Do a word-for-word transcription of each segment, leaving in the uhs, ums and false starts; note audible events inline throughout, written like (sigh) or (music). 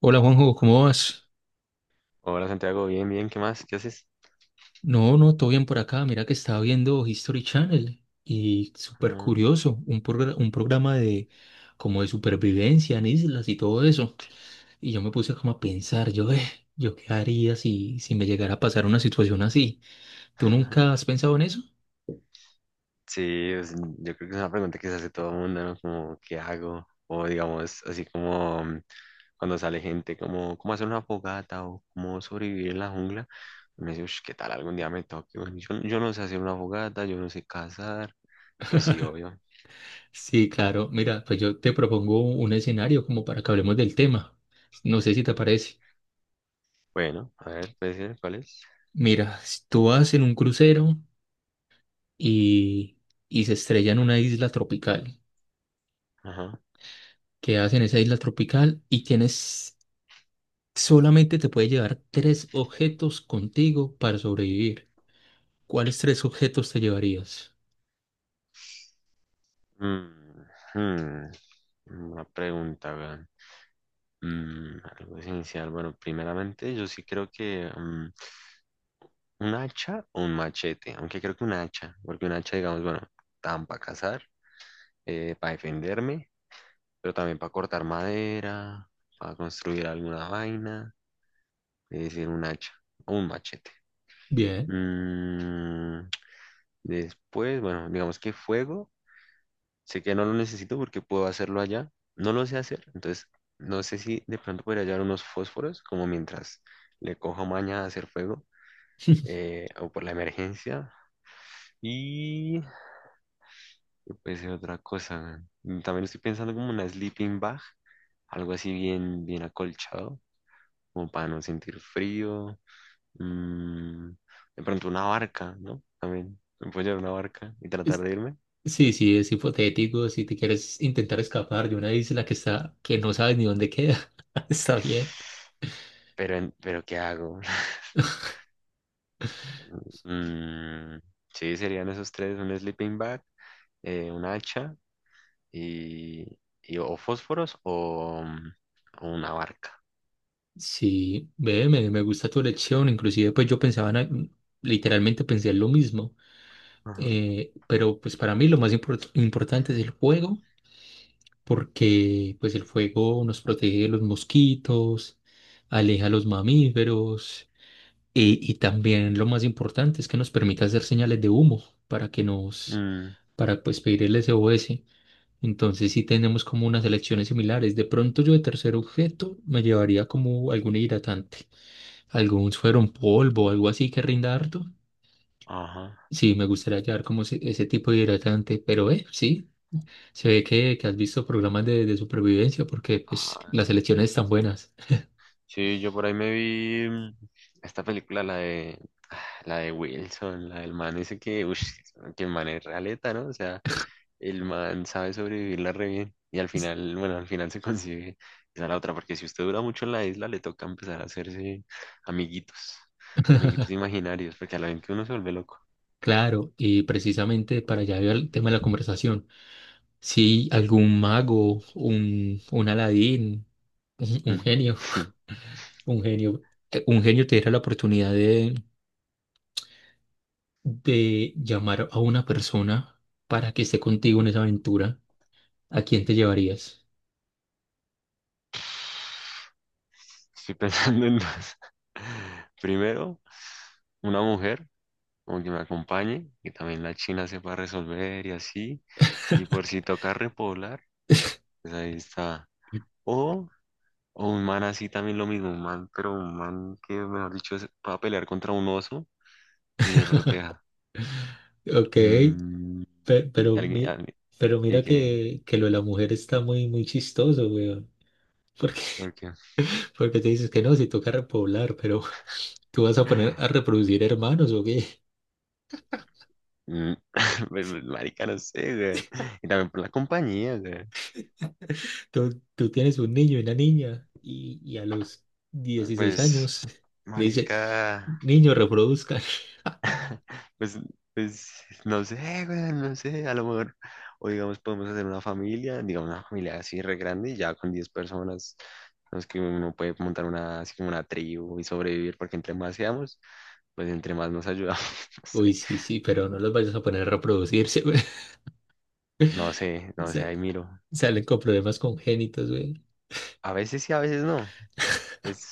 Hola Juanjo, ¿cómo vas? Hola Santiago, bien, bien, ¿qué más? ¿Qué haces? No, no, todo bien por acá. Mira que estaba viendo History Channel y súper Ah, curioso, un, progra- un programa de como de supervivencia en islas y todo eso. Y yo me puse como a pensar, yo, eh, yo qué haría si, si me llegara a pasar una situación así. ¿Tú nunca has (laughs) pensado en eso? Sí, es- yo creo que es una pregunta que se hace todo el mundo, ¿no? Como, ¿qué hago? O digamos, así como mm, cuando sale gente, como, ¿cómo hacer una fogata? O ¿cómo sobrevivir en la jungla? Me dice, "Ush, ¿qué tal algún día me toque? Bueno, yo, yo no sé hacer una fogata, yo no sé cazar. Pues sí, obvio. Sí, claro. Mira, pues yo te propongo un escenario como para que hablemos del tema. No sé si te parece. Bueno, a ver, puede ser, ¿cuál es? Mira, tú vas en un crucero y, y se estrella en una isla tropical. Ajá. Quedas en esa isla tropical y tienes, solamente te puedes llevar tres objetos contigo para sobrevivir. ¿Cuáles tres objetos te llevarías? Mm, hmm, una pregunta, weón. Mm, algo esencial. Bueno, primeramente, yo sí creo que, mm, ¿un hacha o un machete? Aunque creo que un hacha, porque un hacha, digamos, bueno, tan para cazar, para defenderme, pero también para cortar madera, para construir alguna vaina, es decir, un hacha o un machete. Bien. Mm, Después, bueno, digamos que fuego, sé que no lo necesito porque puedo hacerlo allá, no lo sé hacer, entonces no sé si de pronto podría hallar unos fósforos, como mientras le cojo maña a hacer fuego, (laughs) eh, o por la emergencia. Y Puede ser otra cosa. Mm, También estoy pensando como una sleeping bag, algo así bien, bien acolchado, como para no sentir frío. Mm, de pronto una barca, ¿no? También me puedo llevar una barca y tratar Es- de irme. Sí, sí, es hipotético. Si te quieres intentar escapar de una isla que está, que no sabes ni dónde queda, (laughs) está bien. Pero, en- pero ¿qué hago? (laughs) Mm, sí, serían esos tres: un sleeping bag, eh, un hacha y, y o fósforos o, mm, o una barca. Sí, ve, me, me gusta tu elección. Inclusive, pues yo pensaba, en- literalmente pensé en lo mismo. Ajá. Eh, pero pues para mí lo más import- importante es el juego, porque pues el fuego nos protege de los mosquitos, aleja a los mamíferos y, y también lo más importante es que nos permite hacer señales de humo para que nos, Mm, para pues pedir el S O S. Entonces sí tenemos como unas elecciones similares. De pronto yo de tercer objeto me llevaría como algún hidratante, algún suero en polvo, algo así que rinda harto. ajá. Sí, me gustaría llevar como ese, ese tipo de hidratante, pero eh, sí. Se ve que, que has visto programas de, de supervivencia porque pues, Ah, las elecciones están buenas. sí, yo por ahí me vi mm, esta película, la de, (sighs) ah, la de Wilson, la del man ese que, uff, (laughs) que el man es realeta, ¿no? O sea, el man sabe sobrevivirla re bien y al final, bueno, al final se (laughs) consigue esa la otra, porque si usted dura mucho en la isla, le toca empezar a hacerse amiguitos, amiguitos imaginarios, porque a la vez que uno se vuelve loco. Claro, y precisamente para allá iba el tema de la conversación. Si algún mago, un, un Aladín, un, un Mm. genio, (laughs) (laughs) un genio, eh, un genio te diera la oportunidad de, de llamar a una persona para que esté contigo en esa aventura, ¿a quién te llevarías? Estoy pensando en dos. (laughs) Primero, una mujer como que me acompañe, que también la China sepa resolver y así, y por si toca repoblar, pues ahí está. O, o un man así también lo mismo, un man, pero un man que, mejor dicho, es- va a pelear contra un oso y me proteja. Ok, Mm, pe- y pero, alguien, mi- alguien- pero y mira que, que, que lo de la mujer está muy, muy chistoso, weón. porque, Porque te dices que no, si toca repoblar, pero (laughs) tú vas a poner a reproducir hermanos o qué. (laughs) mm, (laughs) pues, pues, marica, no sé, güey. Y también por la compañía, güey. Tú, tú tienes un niño y una niña y, y a los dieciséis Pues, años (laughs) le dicen, marica. niño, reproduzcan. (laughs) (laughs) Pues, pues no sé, güey, no sé, a lo mejor, o digamos, podemos hacer una familia, digamos, una familia así re grande, y ya con diez personas, no es que uno puede montar una, así como una tribu y sobrevivir, porque entre más seamos, pues entre más nos ayudamos. Uy, sí, sí, pero no los vayas a poner a reproducirse, güey. (laughs) No sé, no sé, (laughs) no sé, Sa- ahí miro. Salen con problemas congénitos, güey. A veces sí, a veces no, pues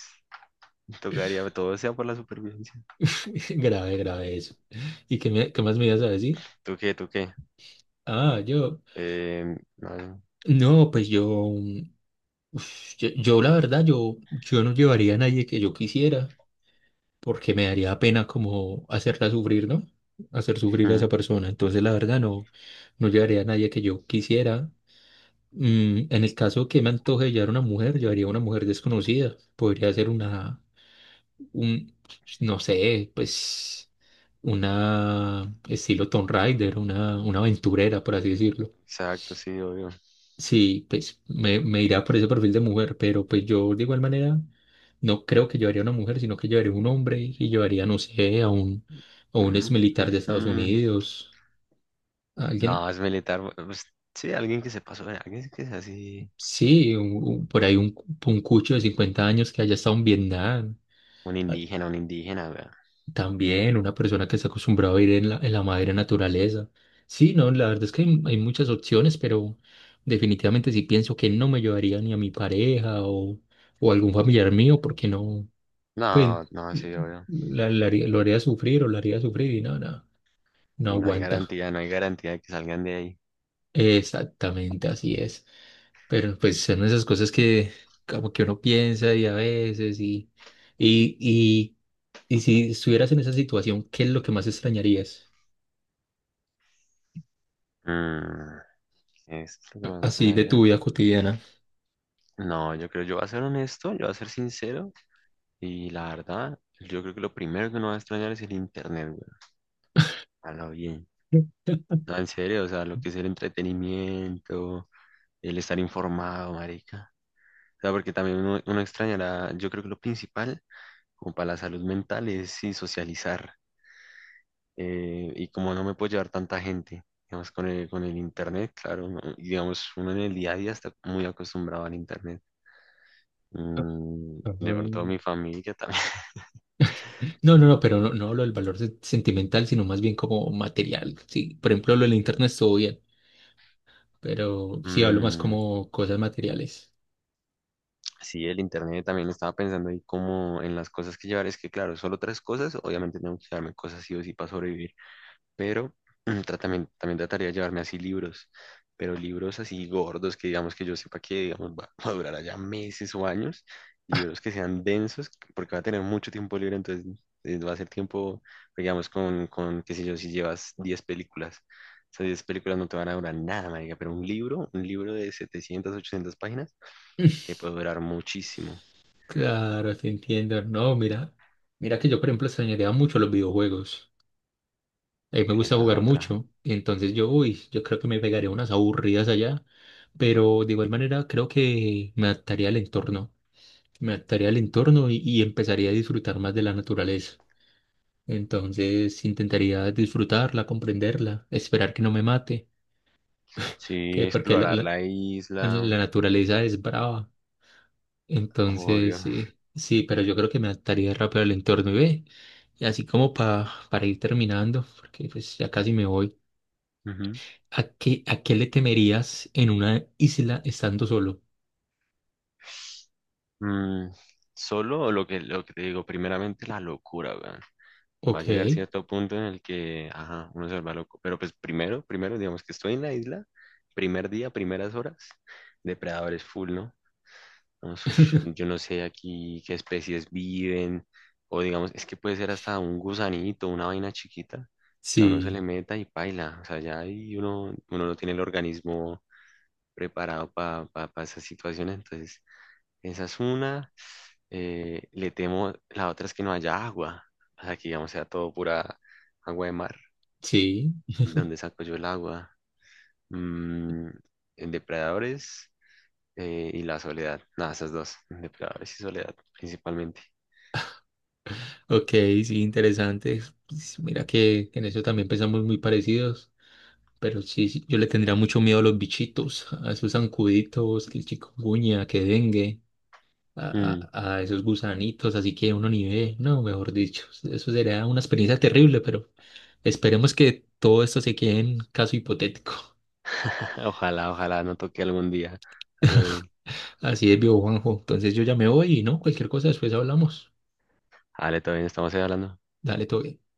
tocaría, todo sea por la supervivencia. (laughs) Grave, grave eso. ¿Y qué, me- qué más me ibas a decir? ¿Tú qué, tú qué? Ah, yo. Eh, no, No, pues yo, mm, uf, yo, yo la verdad, yo, yo no llevaría a nadie que yo quisiera, porque me daría pena como hacerla sufrir, ¿no? Hacer sufrir a esa mm, persona. Entonces, la verdad, no, no llevaría a nadie que yo quisiera. Mm, en el caso que me antoje llevar una mujer, llevaría a una mujer desconocida. Podría ser una, un, no sé, pues, una estilo Tomb Raider, una, una aventurera, por así decirlo. exacto, sí, obvio. Sí, pues me, me irá por ese perfil de mujer, pero pues yo de igual manera no creo que llevaría una mujer, sino que llevaría un hombre y llevaría, no sé, a un, a un ex Mm, militar de ujú. Estados Unidos, a alguien, No, es militar. Pues, sí, alguien que se pasó, eh, alguien que es así. sí, un- un- por ahí un, un cucho de cincuenta años que haya estado en Vietnam, Un a- indígena, un indígena, weón. también una persona que está acostumbrada a ir en la, en la madre naturaleza. Sí, no, la verdad es que hay, hay muchas opciones, pero definitivamente sí pienso que no me llevaría ni a mi pareja o, o algún familiar mío, porque no, pues No, no, sí, obvio. la, la haría- lo haría sufrir o la haría sufrir y nada, nada. No Y no hay aguanta. garantía, no hay garantía de que salgan de ahí. Exactamente, así es. Pero pues son esas cosas que como que uno piensa y a veces y, y, y, y si estuvieras en esa situación, ¿qué es lo que más extrañarías? Mm, ¿Es lo que eh, más Así de tu sonaría? vida cotidiana. No, yo creo, yo voy a ser honesto, yo voy a ser sincero. Y la verdad, yo creo que lo primero que uno va a extrañar es el internet, weón. A lo bien. Mm. No, en serio, o sea, lo que es el entretenimiento, el estar informado, marica. O sea, porque también uno, uno extrañará, yo creo que lo principal, como para la salud mental, es y socializar. Eh, y como no me puedo llevar tanta gente, digamos, con el, con el internet, claro, no, y digamos, uno en el día a día está muy acostumbrado al internet. Ah, Mm, de pronto ah. mi familia también. (laughs) No, no, no, pero no, no hablo del valor se- sentimental, sino más bien como material. Sí, por ejemplo, lo del internet estuvo bien, pero sí hablo más Mm, como cosas materiales. sí, el internet también estaba pensando ahí como en las cosas que llevar. Es que, claro, solo tres cosas, obviamente tengo que llevarme cosas sí o sí para sobrevivir. Pero mm, tratami- también, también trataría de llevarme así libros, pero libros así gordos que digamos que yo sepa que digamos va, (laughs) va a durar allá meses o años, libros que sean densos, porque va a tener mucho tiempo libre, entonces eh, va a ser tiempo, digamos, con, con qué sé yo, si llevas diez películas. Esas diez películas no te van a durar nada, marica, pero un libro, un libro de setecientas, ochocientas páginas, te (laughs) puede durar muchísimo. Claro, te entiendo. No, mira, mira que yo, por ejemplo, extrañaría mucho los videojuegos. A mí me gusta Esa es jugar otra. mucho. Y entonces yo, uy, yo creo que me pegaré unas aburridas allá. Pero de igual manera creo que me adaptaría al entorno. Me adaptaría al entorno y, y empezaría a disfrutar más de la naturaleza. Entonces intentaría disfrutarla, comprenderla, esperar que no me mate. Sí, Que porque la, explorar la- la la- la isla, naturaleza es brava. Entonces obvio. sí, sí, pero yo creo que me adaptaría rápido al entorno y ve. Y así como pa- para ir terminando, porque pues ya casi me voy. ¿A qué, a qué le temerías en una isla estando solo? Mm, Solo lo que, lo que te digo, primeramente la locura, weón. Va a Ok, llegar cierto punto en el que, ajá, uno se vuelve loco. Pero pues primero, primero, digamos que estoy en la isla, primer día, primeras horas, depredadores full, ¿no? Vamos, ush, (laughs) yo no sé aquí qué especies viven, o digamos, es que puede ser hasta un gusanito, una vaina chiquita, que a uno se le sí, meta y paila. O sea, ya ahí uno, uno no tiene el organismo preparado para esas situaciones, entonces esa es una. Eh, le temo, la otra es que no haya agua. O sea, que digamos sea todo pura agua de mar. sí, ¿Dónde saco yo el agua? Mm, en depredadores, eh, y la soledad. Nada, esas dos. Depredadores y soledad, principalmente. ok, sí, interesante. Pues mira que en eso también pensamos muy parecidos, pero sí, sí, yo le tendría mucho miedo a los bichitos, a esos zancuditos, que el chikungunya, que dengue, Mm. a, a, a esos gusanitos, así que uno ni ve, no, mejor dicho, eso sería una experiencia terrible, pero esperemos que todo esto se quede en caso hipotético. (laughs) Ojalá, ojalá no toque algún día. A lo bien. Así es, viejo Juanjo. Entonces yo ya me voy y no, cualquier cosa después hablamos. Vale, todo bien, estamos ahí hablando. Dale, todo bien.